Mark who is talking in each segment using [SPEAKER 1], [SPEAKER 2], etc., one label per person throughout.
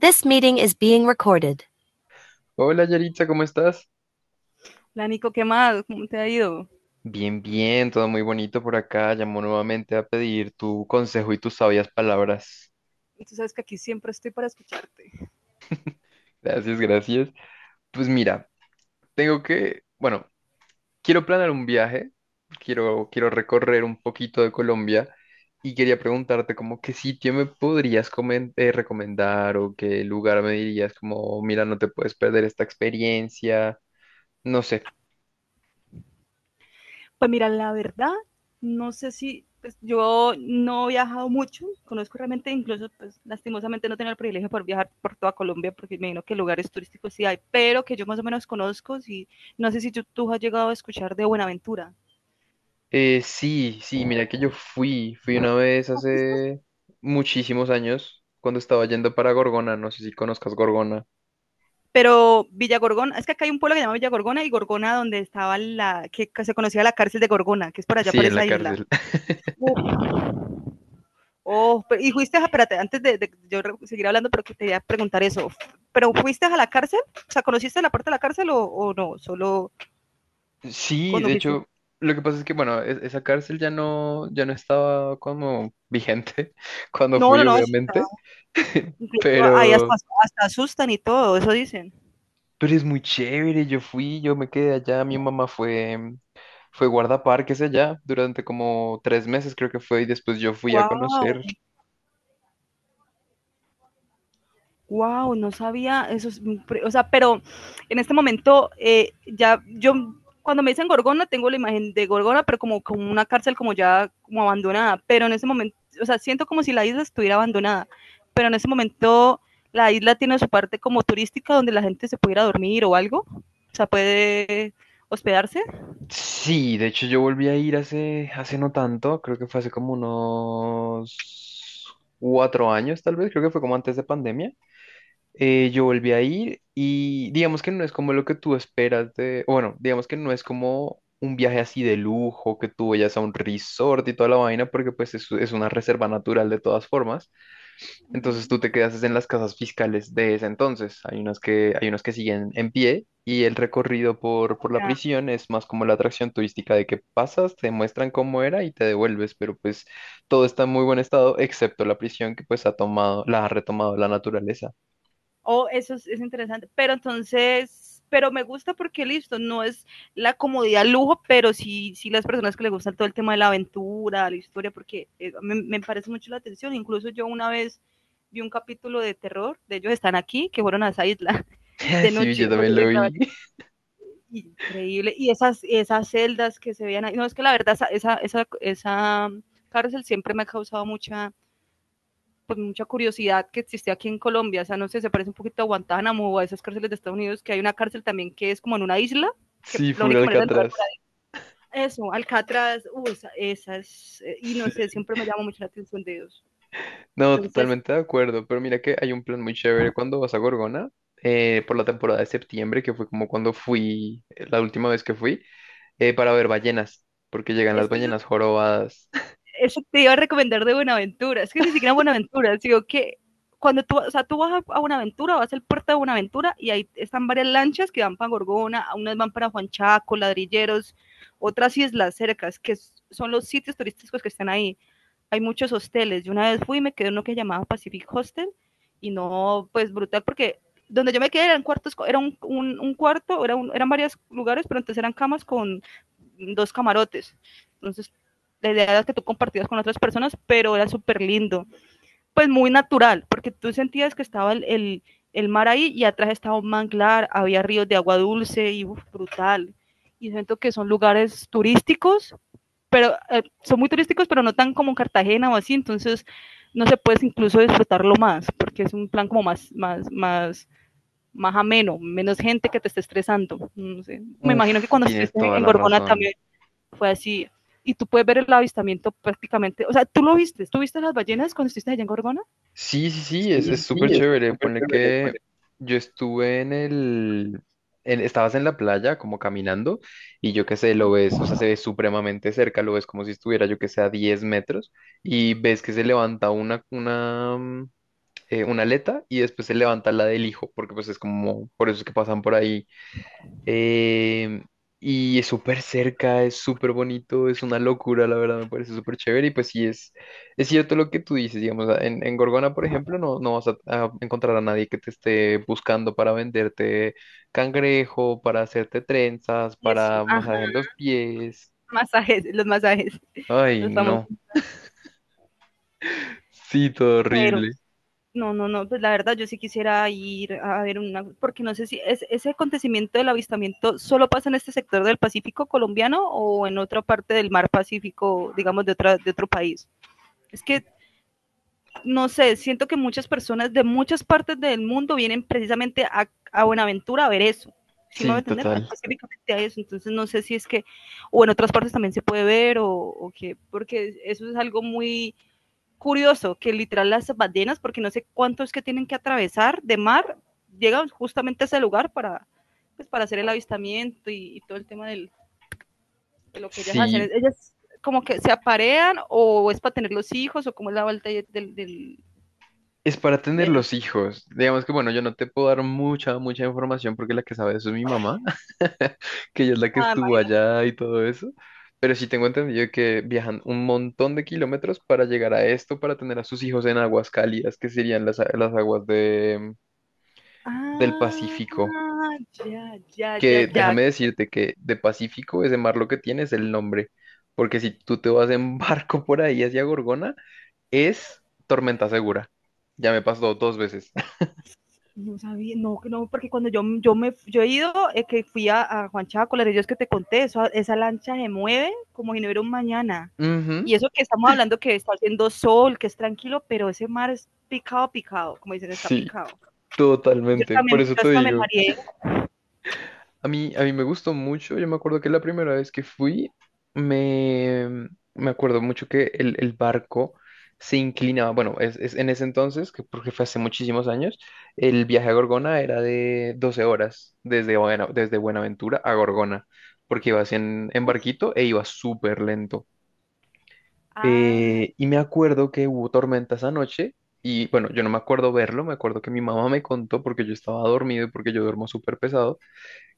[SPEAKER 1] This meeting is being recorded.
[SPEAKER 2] Hola Yaritza, ¿cómo estás?
[SPEAKER 1] La Nico, ¿qué más? ¿Cómo te ha ido?
[SPEAKER 2] Bien, bien, todo muy bonito por acá. Llamo nuevamente a pedir tu consejo y tus sabias palabras.
[SPEAKER 1] Tú sabes que aquí siempre estoy para escucharte.
[SPEAKER 2] Gracias, gracias. Pues mira, bueno, quiero planear un viaje, quiero recorrer un poquito de Colombia y quería preguntarte como qué sitio me podrías recomendar o qué lugar me dirías como, mira, no te puedes perder esta experiencia. No sé.
[SPEAKER 1] Pues mira, la verdad, no sé si pues, yo no he viajado mucho, conozco realmente, incluso pues lastimosamente no tengo el privilegio por viajar por toda Colombia, porque me imagino que lugares turísticos sí hay, pero que yo más o menos conozco, sí, no sé si tú has llegado a escuchar de Buenaventura.
[SPEAKER 2] Sí, sí, mira que yo fui una vez
[SPEAKER 1] ¿Has visto?
[SPEAKER 2] hace muchísimos años cuando estaba yendo para Gorgona, no sé si conozcas Gorgona.
[SPEAKER 1] Pero Villa Gorgona, es que acá hay un pueblo que se llama Villa Gorgona y Gorgona donde estaba la, que se conocía la cárcel de Gorgona, que es por allá,
[SPEAKER 2] Sí,
[SPEAKER 1] por
[SPEAKER 2] en la
[SPEAKER 1] esa isla.
[SPEAKER 2] cárcel.
[SPEAKER 1] Uf. Oh, pero, y fuiste, a, espérate, antes de yo seguir hablando, pero que te quería preguntar eso. ¿Pero fuiste a la cárcel? O sea, ¿conociste la parte de la cárcel o no? Solo
[SPEAKER 2] Sí,
[SPEAKER 1] cuando
[SPEAKER 2] de
[SPEAKER 1] fuiste.
[SPEAKER 2] hecho, lo que pasa es que, bueno, esa cárcel ya no estaba como vigente cuando
[SPEAKER 1] No,
[SPEAKER 2] fui,
[SPEAKER 1] no, no.
[SPEAKER 2] obviamente,
[SPEAKER 1] Incluso ahí hasta,
[SPEAKER 2] pero,
[SPEAKER 1] hasta asustan y todo, eso dicen.
[SPEAKER 2] pero es muy chévere, yo fui, yo me quedé allá, mi mamá fue guardaparques allá durante como 3 meses, creo que fue, y después yo fui a
[SPEAKER 1] Wow.
[SPEAKER 2] conocer.
[SPEAKER 1] Wow, no sabía eso. Es, o sea, pero en este momento ya yo cuando me dicen Gorgona tengo la imagen de Gorgona, pero como una cárcel como ya como abandonada. Pero en ese momento, o sea, siento como si la isla estuviera abandonada. Pero en ese momento la isla tiene su parte como turística donde la gente se puede ir a dormir o algo. O sea, puede hospedarse.
[SPEAKER 2] Sí, de hecho yo volví a ir hace no tanto, creo que fue hace como unos 4 años tal vez, creo que fue como antes de pandemia. Yo volví a ir y digamos que no es como lo que tú esperas de, o bueno, digamos que no es como un viaje así de lujo, que tú vayas a un resort y toda la vaina, porque pues es una reserva natural de todas formas.
[SPEAKER 1] Uh -huh.
[SPEAKER 2] Entonces tú te quedas es en las casas fiscales de ese entonces. Hay unas que siguen en pie y el recorrido por la
[SPEAKER 1] Ya.
[SPEAKER 2] prisión es más como la atracción turística de que pasas, te muestran cómo era y te devuelves, pero pues todo está en muy buen estado, excepto la prisión que pues ha tomado, la ha retomado la naturaleza.
[SPEAKER 1] Oh, eso es interesante. Pero entonces, pero me gusta porque listo, no es la comodidad lujo, pero sí, sí las personas que les gusta todo el tema de la aventura, la historia, porque me parece mucho la atención. Incluso yo una vez vi un capítulo de terror, de ellos están aquí, que fueron a esa isla de
[SPEAKER 2] Sí, yo
[SPEAKER 1] noche, pues,
[SPEAKER 2] también
[SPEAKER 1] de
[SPEAKER 2] lo
[SPEAKER 1] grabar.
[SPEAKER 2] vi.
[SPEAKER 1] Increíble, y esas celdas que se veían ahí, no, es que la verdad, esa cárcel siempre me ha causado mucha, pues, mucha curiosidad que existe aquí en Colombia. O sea, no sé, se parece un poquito a Guantánamo o a esas cárceles de Estados Unidos, que hay una cárcel también que es como en una isla, que
[SPEAKER 2] Sí,
[SPEAKER 1] la
[SPEAKER 2] full
[SPEAKER 1] única manera de entrar por
[SPEAKER 2] Alcatraz.
[SPEAKER 1] ahí. Eso, Alcatraz, y
[SPEAKER 2] Sí.
[SPEAKER 1] no sé, siempre me llama mucho la atención de ellos.
[SPEAKER 2] No,
[SPEAKER 1] Entonces,
[SPEAKER 2] totalmente de acuerdo, pero mira que hay un plan muy chévere cuando vas a Gorgona, por la temporada de septiembre, que fue como cuando fui, la última vez que fui, para ver ballenas, porque llegan las
[SPEAKER 1] es que
[SPEAKER 2] ballenas jorobadas.
[SPEAKER 1] eso te iba a recomendar de Buenaventura. Es que ni siquiera Buenaventura, digo que cuando tú, o sea, tú vas a Buenaventura, vas al puerto de Buenaventura y ahí están varias lanchas que van para Gorgona, unas van para Juan Chaco, Ladrilleros, otras islas cercas, que son los sitios turísticos que están ahí hay muchos hosteles. Yo una vez fui y me quedé en uno que llamaba Pacific Hostel y no, pues brutal, porque donde yo me quedé eran cuartos, era un cuarto, eran varios lugares, pero entonces eran camas con dos camarotes. Entonces, la idea era que tú compartías con otras personas, pero era súper lindo. Pues muy natural, porque tú sentías que estaba mar ahí y atrás estaba un manglar, había ríos de agua dulce y uf, brutal. Y siento que son lugares turísticos pero son muy turísticos, pero no tan como Cartagena o así, entonces no se puede incluso disfrutarlo más, porque es un plan como más, más, más, más ameno, menos gente que te esté estresando. No sé. Me imagino que
[SPEAKER 2] Uf,
[SPEAKER 1] cuando
[SPEAKER 2] tienes
[SPEAKER 1] estuviste
[SPEAKER 2] toda
[SPEAKER 1] en
[SPEAKER 2] la
[SPEAKER 1] Gorgona
[SPEAKER 2] razón.
[SPEAKER 1] también fue así. Y tú puedes ver el avistamiento prácticamente, o sea, tú lo viste, ¿tú viste las ballenas cuando estuviste allá en Gorgona?
[SPEAKER 2] Sí, sí, sí,
[SPEAKER 1] Sí,
[SPEAKER 2] es
[SPEAKER 1] sí,
[SPEAKER 2] súper
[SPEAKER 1] eso es
[SPEAKER 2] chévere.
[SPEAKER 1] súper
[SPEAKER 2] Pone
[SPEAKER 1] chévere.
[SPEAKER 2] que yo estuve estabas en la playa como caminando y yo qué sé, lo ves, o sea, se ve supremamente cerca, lo ves como si estuviera yo que sé a 10 metros y ves que se levanta una aleta y después se levanta la del hijo, porque pues es como, por eso es que pasan por ahí. Em, y es súper cerca, es súper bonito, es una locura, la verdad, me parece súper chévere. Y pues sí, es, cierto lo que tú dices, digamos, en Gorgona, por ejemplo, no, no vas a encontrar a nadie que te esté buscando para venderte cangrejo, para hacerte trenzas,
[SPEAKER 1] Eso,
[SPEAKER 2] para
[SPEAKER 1] ajá,
[SPEAKER 2] masaje en los pies.
[SPEAKER 1] masajes,
[SPEAKER 2] Ay,
[SPEAKER 1] los famosos
[SPEAKER 2] no. Sí, todo
[SPEAKER 1] pero.
[SPEAKER 2] horrible.
[SPEAKER 1] No, no, no, pues la verdad yo sí quisiera ir a ver una, porque no sé si es, ese acontecimiento del avistamiento solo pasa en este sector del Pacífico colombiano o en otra parte del mar Pacífico, digamos, de, otra, de otro país. Es que, no sé, siento que muchas personas de muchas partes del mundo vienen precisamente a Buenaventura a ver eso. ¿Sí me va a
[SPEAKER 2] Sí,
[SPEAKER 1] entender?
[SPEAKER 2] total.
[SPEAKER 1] Específicamente a eso. Entonces no sé si es que, o en otras partes también se puede ver o qué, porque eso es algo muy curioso que literal las ballenas, porque no sé cuántos que tienen que atravesar de mar, llegan justamente a ese lugar para, pues, para hacer el avistamiento y todo el tema del, de lo que ellas hacen.
[SPEAKER 2] Sí,
[SPEAKER 1] Ellas como que se aparean o es para tener los hijos o cómo es la vuelta del... del,
[SPEAKER 2] es para
[SPEAKER 1] ¿de
[SPEAKER 2] tener
[SPEAKER 1] eso?
[SPEAKER 2] los hijos. Digamos que, bueno, yo no te puedo dar mucha, mucha información porque la que sabe eso es mi mamá, que ella es la que
[SPEAKER 1] Ah,
[SPEAKER 2] estuvo allá y todo eso. Pero sí tengo entendido que viajan un montón de kilómetros para llegar a esto, para tener a sus hijos en aguas cálidas, que serían las aguas del Pacífico.
[SPEAKER 1] ya, ya, ya,
[SPEAKER 2] Que
[SPEAKER 1] ya.
[SPEAKER 2] déjame decirte que de Pacífico ese mar lo que tiene es el nombre. Porque si tú te vas en barco por ahí hacia Gorgona, es tormenta segura. Ya me pasó 2 veces.
[SPEAKER 1] No sabía, no, no, porque cuando yo he ido, que fui a Juan Chaco, la es que te conté, esa lancha se mueve como si no hubiera un mañana.
[SPEAKER 2] Ujú.
[SPEAKER 1] Y eso que estamos hablando que está haciendo sol, que es tranquilo, pero ese mar es picado, picado, como dicen, está
[SPEAKER 2] Sí,
[SPEAKER 1] picado. Yo
[SPEAKER 2] totalmente.
[SPEAKER 1] hasta me,
[SPEAKER 2] Por eso
[SPEAKER 1] yo
[SPEAKER 2] te
[SPEAKER 1] hasta me
[SPEAKER 2] digo,
[SPEAKER 1] mareé.
[SPEAKER 2] a mí me gustó mucho. Yo me acuerdo que la primera vez que fui, me, me acuerdo mucho que el barco se inclinaba. Bueno, es en ese entonces, que porque fue hace muchísimos años, el viaje a Gorgona era de 12 horas desde, desde Buenaventura a Gorgona, porque ibas en
[SPEAKER 1] Uf,
[SPEAKER 2] barquito e iba súper lento.
[SPEAKER 1] ah,
[SPEAKER 2] Y me acuerdo que hubo tormenta esa noche y bueno, yo no me acuerdo verlo, me acuerdo que mi mamá me contó porque yo estaba dormido y porque yo duermo súper pesado,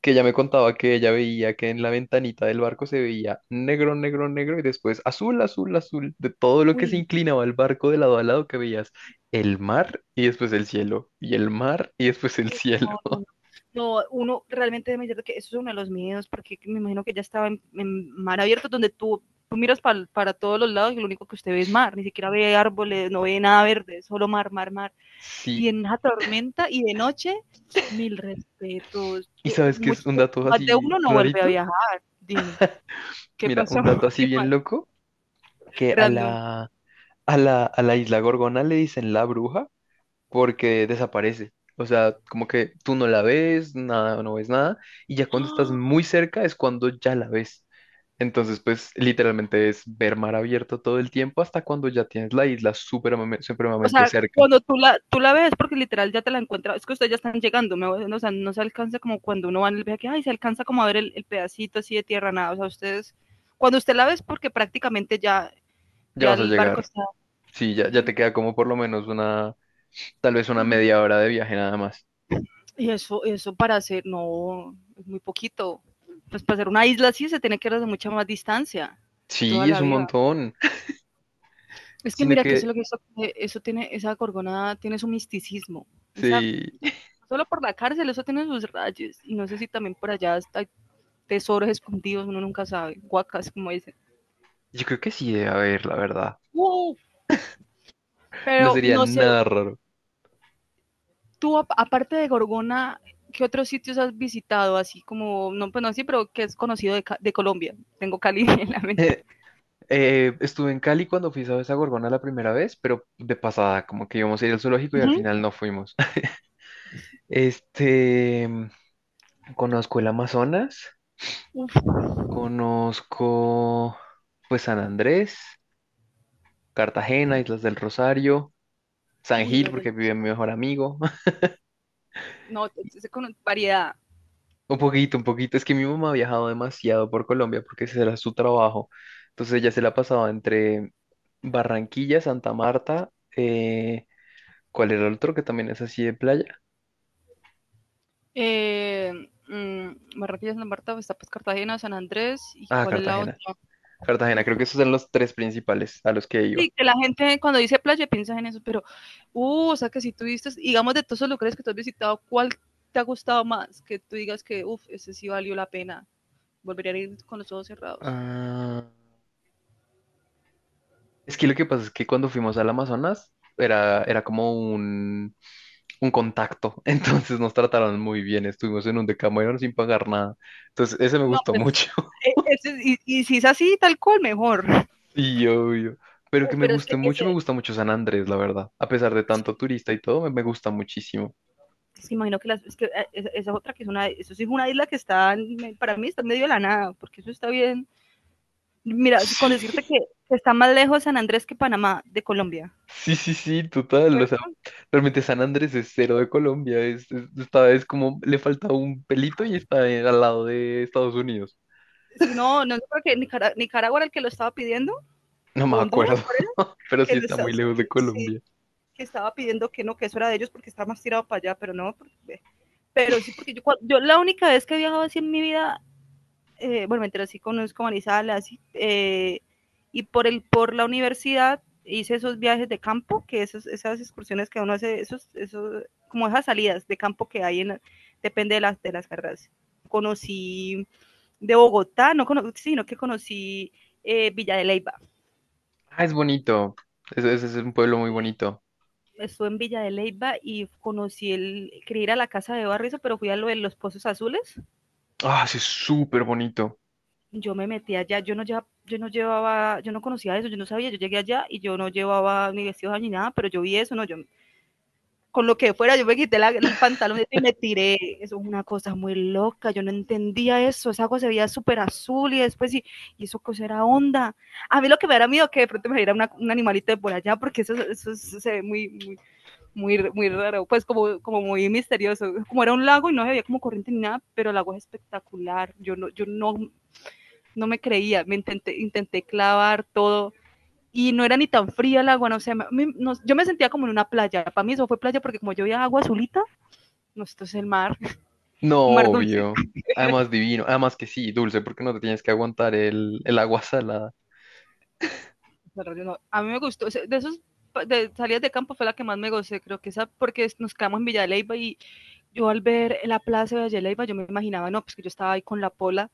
[SPEAKER 2] que ella me contaba que ella veía que en la ventanita del barco se veía negro, negro, negro y después azul, azul, azul, de todo lo que se
[SPEAKER 1] uy.
[SPEAKER 2] inclinaba el barco de lado a lado que veías el mar y después el cielo y el mar y después el
[SPEAKER 1] Uy,
[SPEAKER 2] cielo.
[SPEAKER 1] no, no, no. No, uno realmente me que eso es uno de los miedos, porque me imagino que ya estaba en mar abierto, donde tú miras para todos los lados y lo único que usted ve es mar, ni siquiera ve árboles, no ve nada verde, solo mar, mar, mar. Y
[SPEAKER 2] Sí,
[SPEAKER 1] en una tormenta y de noche, mil respetos.
[SPEAKER 2] ¿y
[SPEAKER 1] Yo-
[SPEAKER 2] sabes qué es
[SPEAKER 1] mucho-
[SPEAKER 2] un dato
[SPEAKER 1] más de
[SPEAKER 2] así
[SPEAKER 1] uno no vuelve a
[SPEAKER 2] rarito?
[SPEAKER 1] viajar. Dime, ¿qué
[SPEAKER 2] Mira,
[SPEAKER 1] pasó?
[SPEAKER 2] un dato así
[SPEAKER 1] ¿Qué más?
[SPEAKER 2] bien loco que a
[SPEAKER 1] Random.
[SPEAKER 2] la A la, a la isla Gorgona le dicen la bruja porque desaparece. O sea, como que tú no la ves, nada, no ves nada, y ya cuando estás muy cerca es cuando ya la ves. Entonces, pues literalmente es ver mar abierto todo el tiempo hasta cuando ya tienes la isla
[SPEAKER 1] O
[SPEAKER 2] supremamente
[SPEAKER 1] sea,
[SPEAKER 2] cerca.
[SPEAKER 1] cuando tú la ves, porque literal ya te la encuentras, es que ustedes ya están llegando, ¿me? O sea, no se alcanza como cuando uno va en el viaje, que, ay, se alcanza como a ver pedacito así de tierra, nada, o sea, ustedes, cuando usted la ves, porque prácticamente ya,
[SPEAKER 2] Ya
[SPEAKER 1] ya
[SPEAKER 2] vas a
[SPEAKER 1] el barco
[SPEAKER 2] llegar.
[SPEAKER 1] está,
[SPEAKER 2] Sí, ya, ya te queda como por lo menos una, tal vez una media hora de viaje nada más.
[SPEAKER 1] y eso para hacer, no, es muy poquito, pues para hacer una isla así se tiene que ir de mucha más distancia, toda
[SPEAKER 2] Sí, es
[SPEAKER 1] la
[SPEAKER 2] un
[SPEAKER 1] vida.
[SPEAKER 2] montón.
[SPEAKER 1] Es que
[SPEAKER 2] Sino
[SPEAKER 1] mira que eso es
[SPEAKER 2] que,
[SPEAKER 1] lo que eso tiene, esa Gorgona tiene su misticismo, esa
[SPEAKER 2] sí,
[SPEAKER 1] solo por la cárcel, eso tiene sus rayos. Y no sé si también por allá hay tesoros escondidos, uno nunca sabe. Guacas, como dicen.
[SPEAKER 2] yo creo que sí debe haber, la verdad.
[SPEAKER 1] ¡Wow!
[SPEAKER 2] No
[SPEAKER 1] Pero
[SPEAKER 2] sería
[SPEAKER 1] no sé,
[SPEAKER 2] nada raro.
[SPEAKER 1] tú aparte de Gorgona, ¿qué otros sitios has visitado? Así como, no, pues no así, pero que es conocido de, de Colombia. Tengo Cali en la mente.
[SPEAKER 2] Estuve en Cali cuando fui a esa Gorgona la primera vez, pero de pasada, como que íbamos a ir al zoológico y al final
[SPEAKER 1] Ujú.
[SPEAKER 2] no fuimos. Este, conozco el Amazonas,
[SPEAKER 1] Uf,
[SPEAKER 2] conozco pues San Andrés, Cartagena, Islas del Rosario, San
[SPEAKER 1] uy,
[SPEAKER 2] Gil,
[SPEAKER 1] la
[SPEAKER 2] porque
[SPEAKER 1] del...
[SPEAKER 2] vive mi mejor amigo.
[SPEAKER 1] No, con variedad.
[SPEAKER 2] Un poquito, un poquito. Es que mi mamá ha viajado demasiado por Colombia porque ese era su trabajo. Entonces ella se la pasaba entre Barranquilla, Santa Marta, eh, ¿cuál era el otro que también es así de playa?
[SPEAKER 1] Eh, Barranquilla, Santa Marta, está pues Cartagena, San Andrés, ¿y
[SPEAKER 2] Ah,
[SPEAKER 1] cuál es la
[SPEAKER 2] Cartagena.
[SPEAKER 1] otra? Mm,
[SPEAKER 2] Cartagena, creo que esos eran los tres principales a los que iba.
[SPEAKER 1] sí, que la gente cuando dice playa piensa en eso, pero, o sea, que si tú viste, digamos, de todos los lugares que tú has visitado, ¿cuál te ha gustado más? Que tú digas que, uff, ese sí valió la pena, volvería a ir con los ojos cerrados.
[SPEAKER 2] Ah, es que lo que pasa es que cuando fuimos al Amazonas era como un contacto, entonces nos trataron muy bien, estuvimos en un Decameron sin pagar nada, entonces ese me
[SPEAKER 1] No,
[SPEAKER 2] gustó
[SPEAKER 1] pues,
[SPEAKER 2] mucho,
[SPEAKER 1] y, si es así, tal cual, mejor.
[SPEAKER 2] sí, obvio, pero que me
[SPEAKER 1] Pero es que
[SPEAKER 2] guste
[SPEAKER 1] ese,
[SPEAKER 2] mucho, me, gusta mucho San Andrés, la verdad, a pesar de
[SPEAKER 1] sí,
[SPEAKER 2] tanto turista y todo, me gusta muchísimo.
[SPEAKER 1] sí, imagino que, las, es que esa otra que es una, eso sí es una isla que está, para mí está en medio de la nada, porque eso está bien. Mira, sí, con
[SPEAKER 2] Sí.
[SPEAKER 1] decirte que está más lejos San Andrés que Panamá de Colombia.
[SPEAKER 2] Sí, sí, sí, total. O sea, realmente San Andrés es cero de Colombia. Está, es como le falta un pelito y está al lado de Estados Unidos.
[SPEAKER 1] Si no, no creo que Nicaragua, Nicaragua era el que lo estaba pidiendo,
[SPEAKER 2] No me
[SPEAKER 1] o Honduras,
[SPEAKER 2] acuerdo,
[SPEAKER 1] ¿cuál era?
[SPEAKER 2] pero
[SPEAKER 1] Que,
[SPEAKER 2] sí
[SPEAKER 1] lo
[SPEAKER 2] está
[SPEAKER 1] estaba,
[SPEAKER 2] muy lejos de
[SPEAKER 1] sí,
[SPEAKER 2] Colombia.
[SPEAKER 1] que estaba pidiendo que no, que eso era de ellos porque estaba más tirado para allá, pero no, porque, pero sí, porque yo la única vez que he viajado así en mi vida, bueno, mentira, sí conozco Manizales, así, y por la universidad hice esos viajes de campo, que esos, esas excursiones que uno hace, como esas salidas de campo que hay, en, depende de de las carreras. Conocí de Bogotá, no cono sino que conocí Villa de Leyva.
[SPEAKER 2] Ah, es bonito. Es un pueblo muy bonito.
[SPEAKER 1] Estuve en Villa de Leyva y conocí el, quería ir a la casa de Barrizo, pero fui a lo de los pozos azules.
[SPEAKER 2] Ah, sí, es súper bonito.
[SPEAKER 1] Yo me metí allá, yo no, llevaba, yo no llevaba, yo no conocía eso, yo no sabía, yo llegué allá y yo no llevaba ni vestidos ni nada, pero yo vi eso, no, yo con lo que fuera, yo me quité el pantalón y me tiré. Eso es una cosa muy loca, yo no entendía eso. Esa agua se veía súper azul y después, y eso cosa era onda. A mí lo que me da miedo que de pronto me diera un animalito de por allá, porque eso se ve muy, muy, muy, muy raro, pues como muy misterioso. Como era un lago y no se veía como corriente ni nada, pero el agua es espectacular. Yo no, yo no, no me creía, intenté clavar todo y no era ni tan fría el agua, no sé, yo me sentía como en una playa. Para mí eso fue playa porque como yo veía agua azulita, no, esto es el mar,
[SPEAKER 2] No,
[SPEAKER 1] un mar dulce.
[SPEAKER 2] obvio. Además divino. Además que sí, dulce, porque no te tienes que aguantar el agua salada.
[SPEAKER 1] No, a mí me gustó, de esos de salidas de campo fue la que más me gocé, creo que esa, porque nos quedamos en Villa de Leyva y yo al ver la plaza de Villa de Leyva, yo me imaginaba, no, pues que yo estaba ahí con la pola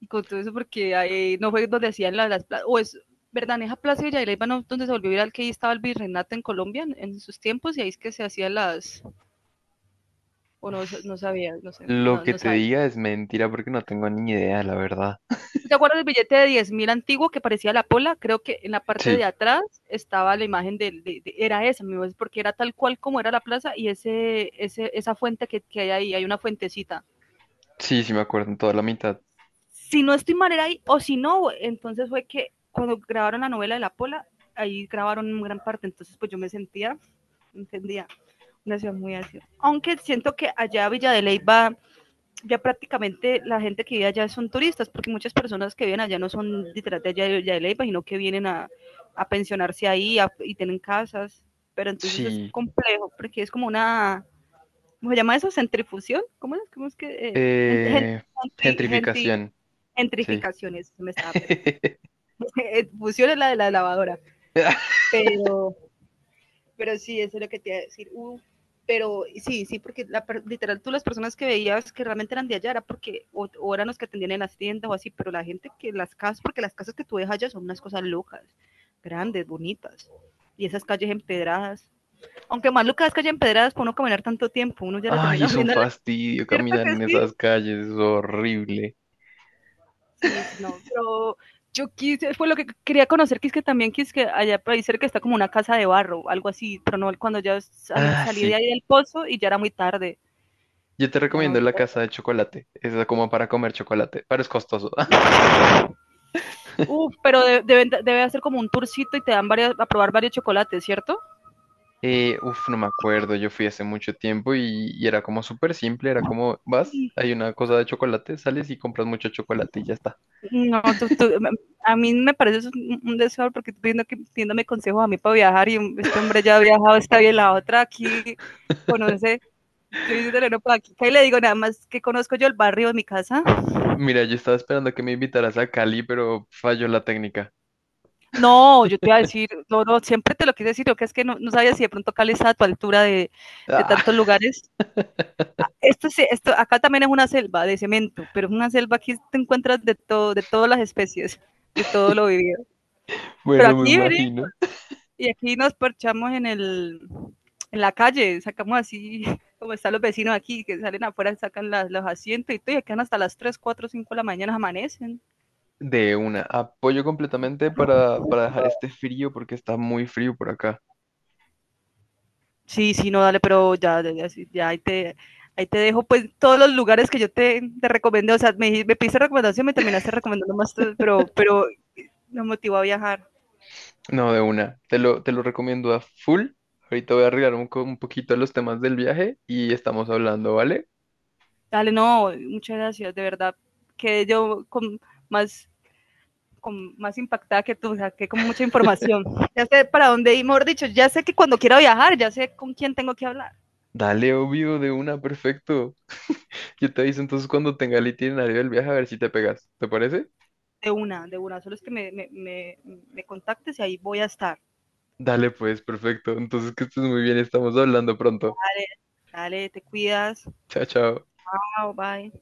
[SPEAKER 1] y con todo eso, porque ahí no fue donde hacían las o es, verdad, en esa plaza de Villa de Leyva, no, donde se volvió viral que ahí estaba el virreinato en Colombia en sus tiempos, y ahí es que se hacían las, o no, no sabía, no sé,
[SPEAKER 2] Lo
[SPEAKER 1] no,
[SPEAKER 2] que
[SPEAKER 1] no
[SPEAKER 2] te
[SPEAKER 1] sabía.
[SPEAKER 2] diga es mentira porque no tengo ni idea, la verdad.
[SPEAKER 1] ¿Tú te acuerdas del billete de 10.000 antiguo que parecía la pola? Creo que en la parte de
[SPEAKER 2] Sí,
[SPEAKER 1] atrás estaba la imagen del, era esa, mi voz, porque era tal cual como era la plaza y esa fuente que hay ahí, hay una fuentecita.
[SPEAKER 2] sí, sí me acuerdo en toda la mitad.
[SPEAKER 1] Si no estoy mal, era ahí, o si no, entonces fue que cuando grabaron la novela de la pola, ahí grabaron en gran parte, entonces pues yo me sentía, entendía, una ciudad muy así. Aunque siento que allá Villa de Leyva ya prácticamente la gente que vive allá son turistas, porque muchas personas que viven allá no son literal de allá, de Leyva, sino que vienen a pensionarse ahí, a, y tienen casas, pero entonces es
[SPEAKER 2] Sí.
[SPEAKER 1] complejo, porque es como una, ¿cómo se llama eso? ¿Centrifusión? ¿Cómo es? ¿Cómo es que?
[SPEAKER 2] Eh,
[SPEAKER 1] Gente,
[SPEAKER 2] gentrificación, sí.
[SPEAKER 1] Gentrificación, eso me estaba perdiendo. Fusión es la de la lavadora, pero pero sí, eso es lo que te iba a decir. Pero sí, sí, porque la, literal tú, las personas que veías que realmente eran de allá era porque o eran los que atendían en las tiendas o así, pero la gente que las casas, porque las casas que tú ves allá son unas cosas locas, grandes, bonitas, y esas calles empedradas, aunque más locas calles empedradas, por no caminar tanto tiempo, uno ya le
[SPEAKER 2] Ay,
[SPEAKER 1] termina
[SPEAKER 2] es un
[SPEAKER 1] oliendo,
[SPEAKER 2] fastidio
[SPEAKER 1] ¿cierto
[SPEAKER 2] caminar
[SPEAKER 1] que
[SPEAKER 2] en
[SPEAKER 1] sí?
[SPEAKER 2] esas calles, es horrible.
[SPEAKER 1] Sí, sí, no, pero yo quise, fue lo que quería conocer, que es que también que es que allá por ahí cerca está como una casa de barro, algo así, pero no, cuando ya salí,
[SPEAKER 2] Ah,
[SPEAKER 1] salí de
[SPEAKER 2] sí.
[SPEAKER 1] ahí del pozo y ya era muy tarde.
[SPEAKER 2] Yo te
[SPEAKER 1] Ya no.
[SPEAKER 2] recomiendo la casa de chocolate. Es como para comer chocolate, pero es costoso.
[SPEAKER 1] Pero debe hacer como un tourcito y te dan varias, a probar varios chocolates, ¿cierto?
[SPEAKER 2] No me acuerdo. Yo fui hace mucho tiempo y era como súper simple. Era como, vas, hay una cosa de chocolate, sales y compras mucho chocolate y ya está.
[SPEAKER 1] No, a mí me parece eso un deseo, porque estoy viendo que pidiéndome consejos a mí para viajar, y este hombre ya ha viajado, está bien, la otra aquí conoce, yo diciéndole no para aquí, y le digo nada más que conozco yo el barrio de mi casa.
[SPEAKER 2] Mira, yo estaba esperando que me invitaras a Cali, pero falló la técnica.
[SPEAKER 1] No, yo te iba a decir, no, no, siempre te lo quise decir, lo que es que no, no sabía si de pronto Cali está a tu altura de
[SPEAKER 2] Ah,
[SPEAKER 1] tantos lugares. Ah, esto, esto, acá también es una selva de cemento, pero es una selva, aquí te encuentras de todo, de todas las especies, de todo lo vivido. Pero
[SPEAKER 2] bueno, me
[SPEAKER 1] aquí venimos
[SPEAKER 2] imagino.
[SPEAKER 1] y aquí nos parchamos en el, en la calle, sacamos así, como están los vecinos aquí, que salen afuera, sacan los asientos y todo, y quedan hasta las 3, 4, 5 de la mañana, amanecen.
[SPEAKER 2] De una, apoyo completamente para dejar este frío porque está muy frío por acá.
[SPEAKER 1] Sí, sí, no, dale, pero ya, ya, ya, sí, ya, ahí te dejo pues todos los lugares que yo te recomendé, o sea, me pediste recomendación, me terminaste recomendando más, tú, pero me motivó a viajar.
[SPEAKER 2] No, de una, te lo recomiendo a full. Ahorita voy a arreglar un poquito los temas del viaje y estamos hablando, ¿vale?
[SPEAKER 1] Dale, no, muchas gracias, de verdad, que yo más, con más impactada que tú, o sea, que con mucha información. Ya sé para dónde ir, mejor dicho, ya sé que cuando quiera viajar, ya sé con quién tengo que hablar.
[SPEAKER 2] Dale, obvio, de una, perfecto. Yo te aviso entonces cuando tenga el itinerario del viaje a ver si te pegas, ¿te parece?
[SPEAKER 1] De una, solo es que me contactes y ahí voy a estar.
[SPEAKER 2] Dale, pues, perfecto. Entonces que estés muy bien, estamos hablando pronto.
[SPEAKER 1] Dale, dale, te cuidas.
[SPEAKER 2] Chao, chao.
[SPEAKER 1] Chao, bye.